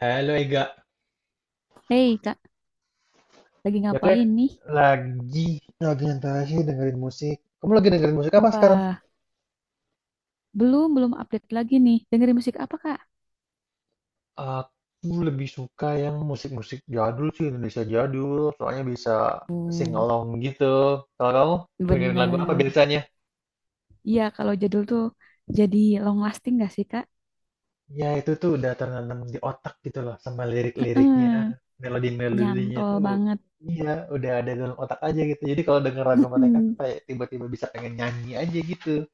Halo Ega. Hey Kak, lagi Biasanya ngapain nih? lagi nyantai sih dengerin musik. Kamu lagi dengerin musik apa sekarang? Wah, belum belum update lagi nih. Dengerin musik apa Kak? Aku lebih suka yang musik-musik jadul sih, Indonesia jadul, soalnya bisa sing Hmm, along gitu. Kalau kamu dengerin lagu apa bener. biasanya? Iya, kalau jadul tuh jadi long lasting gak sih Kak? Ya itu tuh udah tertanam di otak gitu loh sama lirik-liriknya. Heeh, Melodi-melodinya nyantol tuh banget. iya udah ada dalam otak aja gitu. Jadi kalau denger lagu mereka tuh Mm-mm. kayak tiba-tiba bisa pengen nyanyi aja gitu.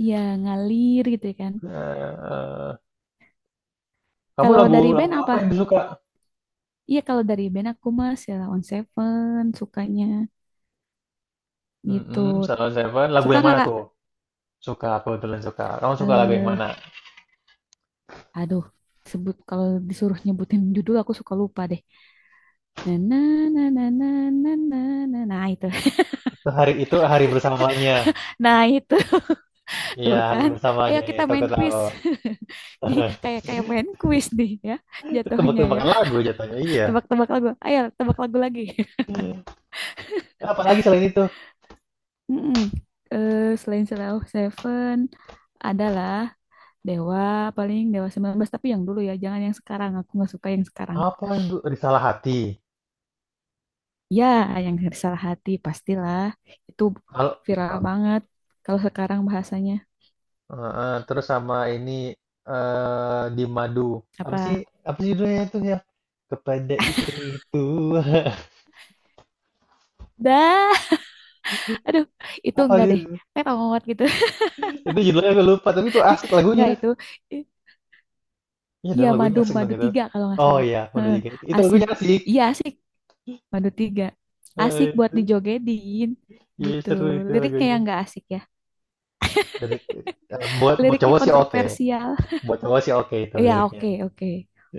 Iya, ngalir gitu ya kan. Nah, kamu Kalau lagu dari band lagu apa apa? yang disuka? Iya, kalau dari band aku mah Sheila on 7 sukanya gitu. Mm-mm, Salon Seven. Lagu Suka yang nggak mana tuh? Kak? Suka, aku kebetulan suka. Kamu suka lagu yang Eh, mana? aduh, sebut kalau disuruh nyebutin judul aku suka lupa deh. Na na na na na na na na. Nah, itu. Itu hari bersamanya. Nah, itu Iya, tuh hari kan. Ayo bersamanya. kita Itu aku main tahu. quiz. Ki- Kayak kayak main quiz nih ya jatuhnya ya. Tebak-tebakan lagu jatuhnya. Iya. Tebak-tebak lagu. Ayo tebak lagu lagi. Apalagi selain itu? Mm-mm. Eh, selain Slow Seven adalah Dewa paling Dewa 19 tapi yang dulu ya, jangan yang sekarang. Aku nggak suka yang sekarang. Apa yang tuh? Di Hati. Ya, yang salah hati pastilah. Itu Kalau viral banget kalau sekarang bahasanya terus sama ini di Madu. Apa sih? apa? Apa sih judulnya itu ya? Kepada istri itu. Dah. Aduh, itu Apa enggak sih? deh. Terong gitu. Itu judulnya aku lupa, tapi itu asik Enggak lagunya. itu. I- Iya Iya, dong madu lagunya asik dong madu itu. tiga kalau nggak Oh salah. iya, udah Heeh, juga itu. Itu asik. lagunya asik. Iya, asik. Madu tiga. Asik buat Itu, dijogedin iya gitu. seru itu Liriknya lagunya. yang enggak asik ya. Dari, buat buat Liriknya cowok sih oke. kontroversial. Buat cowok sih oke itu Iya, liriknya. oke, oke.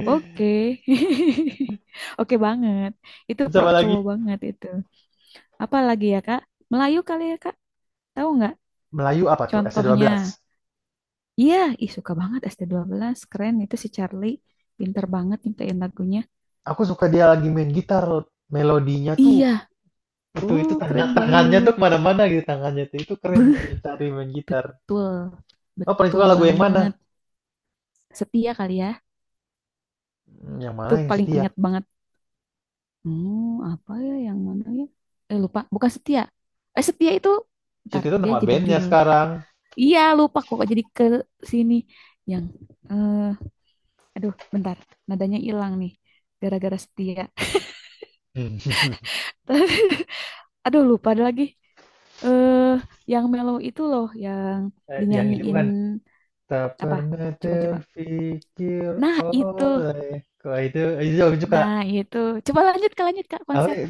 Oke. Oke banget. Itu Terus pro apa lagi? cowok banget itu. Apa lagi ya, Kak? Melayu kali ya, Kak? Tahu nggak Melayu apa tuh? contohnya? S12. Iya, ih suka banget st belas keren itu si Charlie. Pinter banget nyiptain lagunya. Aku suka dia lagi main gitar. Melodinya tuh Iya, itu itu tangan keren tangannya tuh banget. kemana-mana gitu, tangannya tuh itu keren Beuh, sih cari main gitar. betul, Oh paling betul suka lagu yang banget. mana? Setia kali ya, Yang mana tuh yang paling setia? ingat banget. Hmm, apa ya yang mana ya? Eh lupa, bukan setia. Eh setia itu, ntar Setia itu dia nama jadi bandnya judul. sekarang. Iya lupa kok jadi ke sini yang, eh aduh bentar, nadanya hilang nih, gara-gara setia. Aduh lupa ada lagi. Eh, yang mellow itu loh, yang yang itu dinyanyiin kan tak apa? pernah Coba-coba. terfikir Nah itu. oleh, kok itu jauh juga, Nah, itu. Coba lanjut Kak apa konser. ya,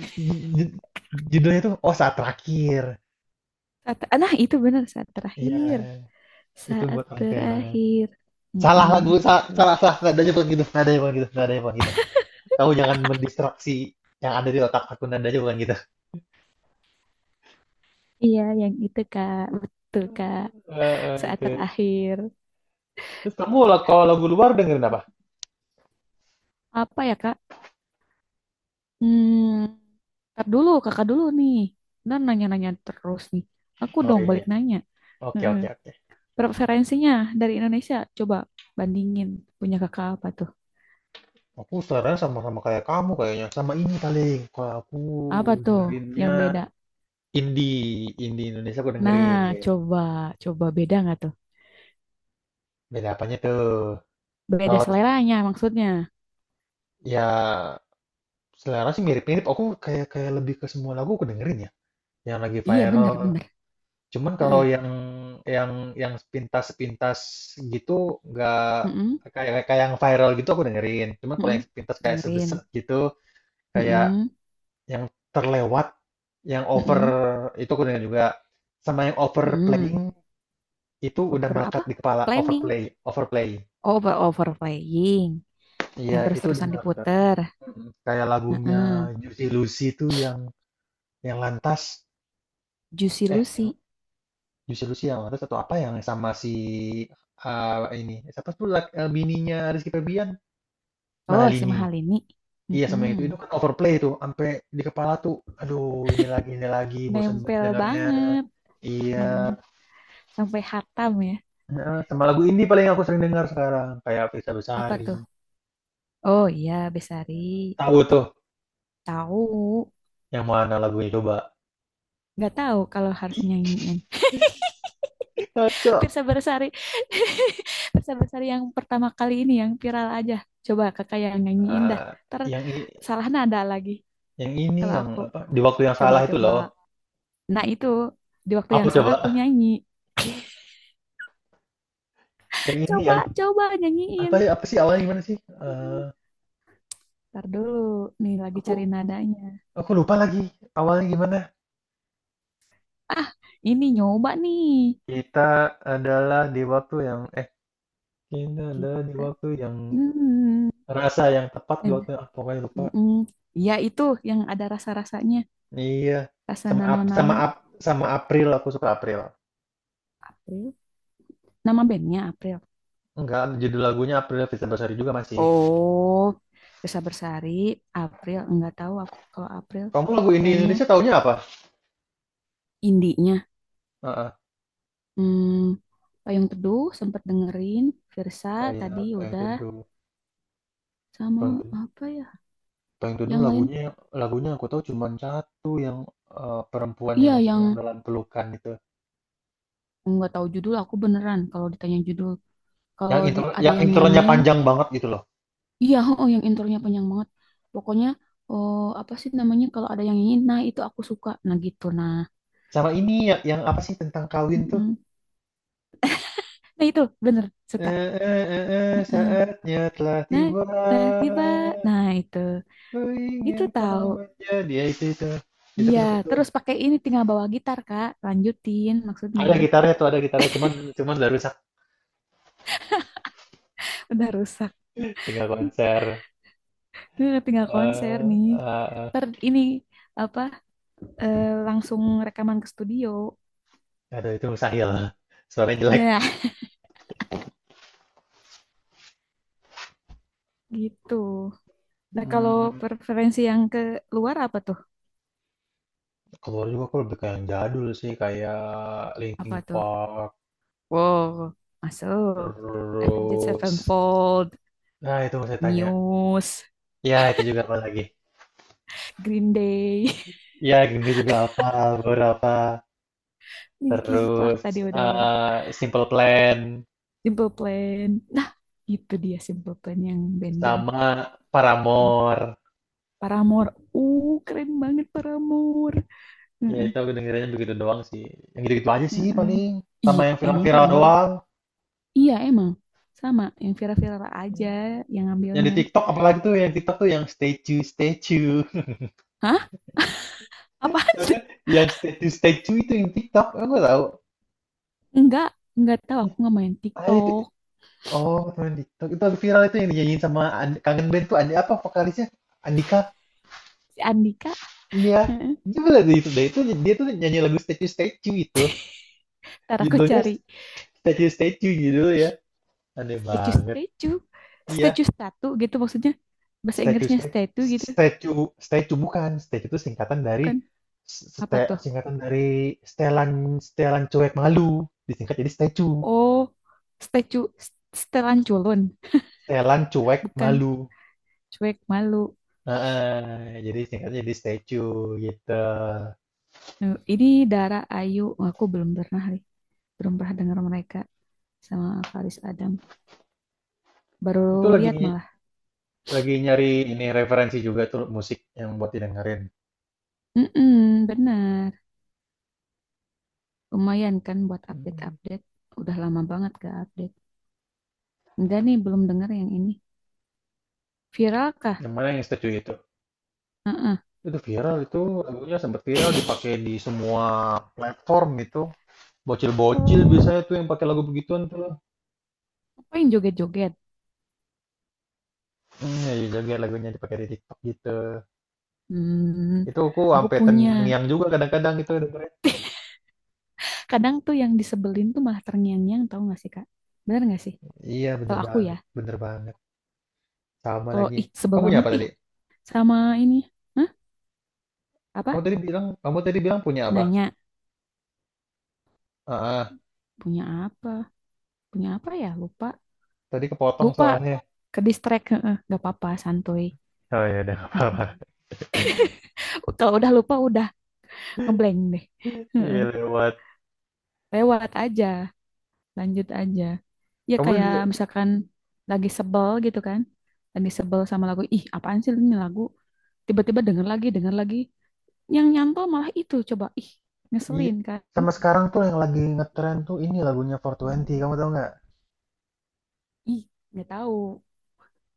ju- judulnya tuh, oh, saat terakhir, Saat, nah, itu benar saat terakhir. iya itu Saat buat orang kehilangan, terakhir. salah Mm-mm, lagu, gitu. salah salah, Kak. salah nadanya, bukan gitu nadanya, bukan gitu nadanya, bukan gitu Kamu jangan mendistraksi yang ada di otak aku, nadanya bukan gitu. Iya, yang itu Kak. Betul Kak. Saat Itu, terakhir. terus kamu lah kalau lagu luar dengerin apa? Apa ya Kak? Hmm, ntar dulu, Kakak dulu nih. Dan nanya-nanya terus nih. Aku Oh dong iya, balik nanya. oke, Mm-mm. oke, oke. Preferensinya dari Indonesia, coba bandingin punya Kakak apa tuh? Aku saran sama-sama kayak kamu kayaknya sama ini paling kalau aku Apa tuh yang dengerinnya beda? indie Indonesia aku Nah, dengerin. coba, coba beda nggak tuh? Beda apanya tuh? Beda Kalau seleranya maksudnya. ya selera sih mirip-mirip. Aku kayak kayak lebih ke semua lagu aku dengerin ya, yang lagi Iya bener viral. bener. Cuman kalau Heeh. Yang yang sepintas-sepintas gitu, nggak Mm-mm, kayak kayak yang viral gitu aku dengerin. Cuman kalau mm-mm. yang sepintas kayak Dengerin. sebeset gitu, kayak Mm-mm, yang terlewat, yang over mm-mm, itu aku dengerin juga. Sama yang mm-mm. overplaying itu udah Over melekat apa? di kepala, Planning. overplay, overplay. Overplaying. Iya, Yang itu udah terus-terusan melekat. diputer. Kayak lagunya Heeh. Juicy Lucy itu, yang lantas, Juicy yang Lucy. Juicy Lucy yang lantas atau apa yang sama si, ah, ini siapa tuh, bininya Rizky Febian, Oh si Malini. Mahalini. Iya sama yang itu Mm-mm. kan overplay tuh sampai di kepala tuh, aduh ini lagi bosan banget Nempel dengarnya. banget. Iya, Heeh. Sampai hatam ya. nah, sama lagu indie paling aku sering dengar sekarang kayak Fisa Apa Besari. tuh? Oh iya Besari. Tahu tuh Tahu. yang mana lagunya coba. Nggak tahu kalau harus nyanyiin. Kacau. Pirsa Bersari. Pirsa Bersari yang pertama kali ini yang viral aja. Coba kakak yang nyanyiin dah. Eh, Ntar yang i- salah nada lagi Yang ini kalau yang aku. apa di waktu yang salah itu Coba-coba. loh. Nah itu di waktu Aku yang salah coba? aku nyanyi. Yang ini Coba, yang coba apa nyanyiin. ya, apa sih awalnya gimana sih? Eh Ntar dulu. Nih lagi aku cari nadanya. aku lupa lagi awalnya gimana. Ah, ini nyoba nih. Kita adalah di waktu yang eh kita adalah di Kita. waktu yang, Hmm. rasa yang tepat di waktu Dan- yang, ah, pokoknya lupa. Mm-mm. Ya itu yang ada rasa-rasanya. Iya, Rasa sama Ap- sama nano-nano. Ap- sama April aku suka April. April. Nama bandnya April. Enggak, judul lagunya April Fitri Bersari juga masih. Oh, Desa Bersari, April, nggak tahu aku kalau April Kamu lagu indie kayaknya Indonesia taunya apa? indinya. Heeh. Hmm, Payung Teduh sempat dengerin, Firsa Oh iya, tadi Bang udah Teduh. sama Bang Teduh. apa ya? Payung Teduh Yang lain? lagunya lagunya aku tahu cuman satu yang, perempuan Iya, yang yang sedang dalam pelukan itu. nggak tahu judul aku beneran kalau ditanya judul. Kalau Yang intro di- ada yang yang intronya nyanyiin, panjang banget gitu loh. iya, oh yang intronya panjang banget. Pokoknya oh apa sih namanya kalau ada yang nyanyiin, nah itu aku suka. Nah gitu nah. Sama ini ya yang apa sih tentang kawin tuh, Mm-mm. Nah itu bener suka. Saatnya telah Nah, tiba, nah, tiba. Nah, itu. ku Itu ingin kau tahu. menjadi, ya itu itu. Itu aku Iya, suka tuh. terus pakai ini tinggal bawa gitar, Kak. Lanjutin maksudnya. Ada gitarnya tuh, ada gitarnya cuman cuman udah rusak, Udah rusak. tinggal konser, Eh, tinggal konser eee, nih. heeh. Ter ini apa langsung rekaman ke studio. Aduh itu mustahil, suaranya jelek. Nah, gitu. Nah, kalau Mmm. preferensi yang ke luar apa tuh? Keluar juga aku lebih kayak yang jadul sih, kayak Linkin Apa tuh? Park, Wow, masuk. Avenged terus. Sevenfold, Nah, itu mau saya tanya. Muse, Ya, itu juga apa lagi? Green Day, Ya, gini juga apa, beberapa. Linkin Park Terus tadi udah ya. eh, Simple Plan, Simple Plan. Nah, itu dia Simple Plan yang band-band. sama Paramore. Paramore. Keren banget Paramore. Ya, Heeh, itu aku dengerinnya begitu doang sih. Yang gitu-gitu aja sih heeh. paling. Sama Iya, yang emang viral-viral Paramore? doang. Iya, emang. Sama, yang viral-viral aja yang Yang di ngambilnya. TikTok apalagi tuh, yang TikTok tuh yang statue, statue. Hah? Apaan Tau nggak? Yang statue, statue itu yang TikTok. Aku nggak tahu. Enggak, enggak tahu. Aku nggak main Ah, itu, TikTok. oh, teman TikTok. Itu aku viral itu yang dinyanyiin sama Kangen Band tuh, Andi apa vokalisnya? Andika. Si Andika. Iya. Heeh. Gimana tuh itu? Nah, itu dia tuh nyanyi lagu Statue Statue itu. Ntar aku Judulnya cari Statue Statue judul ya. Aneh banget. statue-statue. Iya, Statue statue gitu maksudnya. Bahasa Statue Inggrisnya Statue statue gitu. Statue Statue bukan. Statue itu singkatan dari Bukan. Apa tuh? Stelan stelan cuek malu. Disingkat jadi Statue. Oh, statue. Setelan culun. Stelan cuek Bukan malu. cuek malu. Heeh, jadi singkatnya jadi Statue gitu. Eh, ini Dara Ayu. Oh, aku belum pernah nih. Belum pernah dengar mereka sama Faris Adam. Baru Itu lihat malah. lagi nyari ini referensi juga tuh musik yang buat didengerin. Mm-mm, benar. Lumayan kan buat Hmm. update-update. Udah lama banget gak update. Enggak nih, belum dengar yang ini. Viral kah? Yang mana yang setuju itu? Hmm, Itu viral, itu lagunya sempat viral dipakai di semua platform itu. Bocil-bocil biasanya tuh yang pakai lagu begituan tuh. apa yang joget-joget? Ya juga lagunya dipakai di TikTok gitu. Hmm, Itu aku aku sampai punya. terngiang-ngiang juga, kadang-kadang itu dengerin. Kadang tuh yang disebelin tuh malah terngiang-ngiang tau gak sih, Kak? Bener gak sih? Iya bener Kalau aku ya. banget, bener banget. Sama Kalau lagi. ih sebel Kamu punya banget apa ih tadi? sama ini. Hah? Kamu Apa tadi bilang, kamu tadi bilang punya apa? nanya Ah, ah, punya apa, punya apa ya, lupa, Tadi kepotong lupa soalnya. ke distract. Heeh, nggak apa-apa, santuy. Oh ya udah nggak apa-apa. mm Kalau udah lupa udah ngeblank deh. Heeh. Iya lewat. Lewat aja, lanjut aja, ya Kamu kayak misalkan lagi sebel gitu kan, lagi sebel sama lagu, ih apaan sih ini lagu, tiba-tiba denger lagi yang nyantol malah itu, coba ih Iya, ngeselin kan. sama sekarang tuh yang lagi ngetren tuh ini lagunya 420, kamu tahu nggak? Ih, nggak tahu,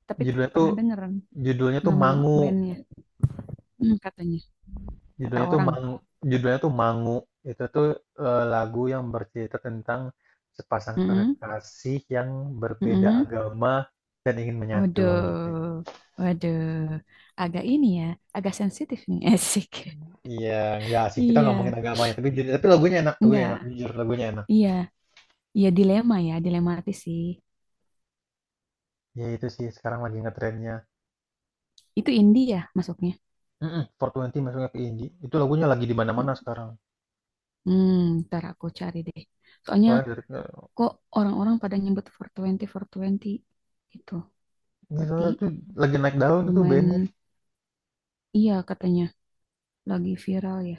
tapi Judulnya tuh pernah denger judulnya tuh nama Mangu, bandnya. Mm, katanya kata judulnya tuh orang. Mangu, judulnya tuh Mangu. Itu tuh lagu yang bercerita tentang sepasang mm kekasih yang berbeda Mm-mm. agama dan ingin menyatu gitu. Waduh, waduh, agak ini ya, agak sensitif nih, asik. Iya, nggak sih kita Iya, ngomongin agamanya, tapi tapi lagunya enak, enggak, jujur lagunya enak. iya, iya dilema ya, dilematis sih. Ya itu sih sekarang lagi ngetrennya. Itu indie ya masuknya. Mm-mm, 420 masuknya ke indie. Itu lagunya lagi di mana-mana sekarang. Hmm, Ntar aku cari deh. Soalnya Soalnya dari- kok orang-orang pada nyebut 420 420 itu. Ini Berarti soalnya tuh lagi naik daun itu bandnya. lumayan, iya katanya, lagi viral ya,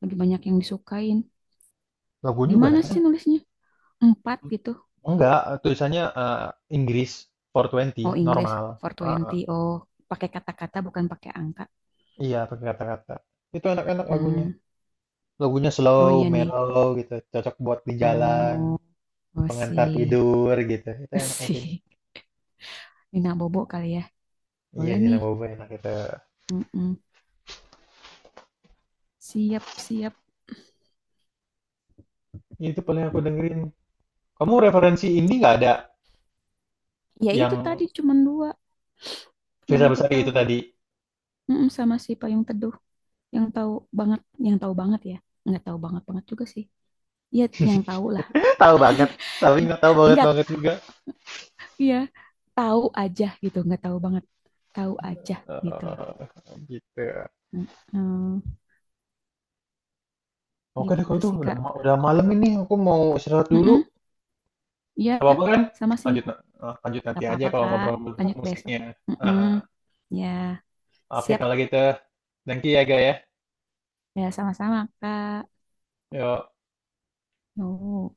lagi banyak yang disukain. Lagunya juga Gimana naik sih daun. nulisnya? Empat gitu. Enggak, tulisannya Inggris Oh 420, Inggris, normal. four Ah, ah. twenty Oh, pakai kata-kata bukan pakai angka. Iya, pakai kata-kata. Itu enak-enak lagunya. Hmm, Lagunya oh slow, iya nih. mellow gitu. Cocok buat di jalan, Oh, pengantar gosip. tidur gitu. Itu enak lagunya. Gosip. Nina Bobo kali ya. Iya, Boleh Nina nih. Boba enak itu. Mm-mm. Siap, siap. Itu paling aku dengerin. Kamu referensi indie nggak ada Ya itu yang tadi cuman dua yang Firza aku Besari itu tahu. tadi? Mm-mm, sama si Payung Teduh. Yang tahu banget, yang tahu banget ya. Nggak tahu banget banget juga sih. Ya, yang tahu lah. Tahu banget. Tapi nggak tahu banget Enggak, banget juga. iya. Tahu aja gitu, nggak tahu banget. Tahu aja gitu. Gitu. Mm-mm. Oke deh kalau Gitu itu sih, udah Kak. Udah malam ini aku mau istirahat dulu. Mm-mm. Iya, Gak apa-apa kan? sama sih. Lanjut lanjut Gak nanti aja apa-apa, kalau Kak. ngobrol-ngobrol tentang Lanjut besok. musiknya. Mm-mm. Nah, Ya, oke siap. kalau gitu. Thank you ya, Ga ya. Ya, sama-sama, Kak. Yo. Nuhun.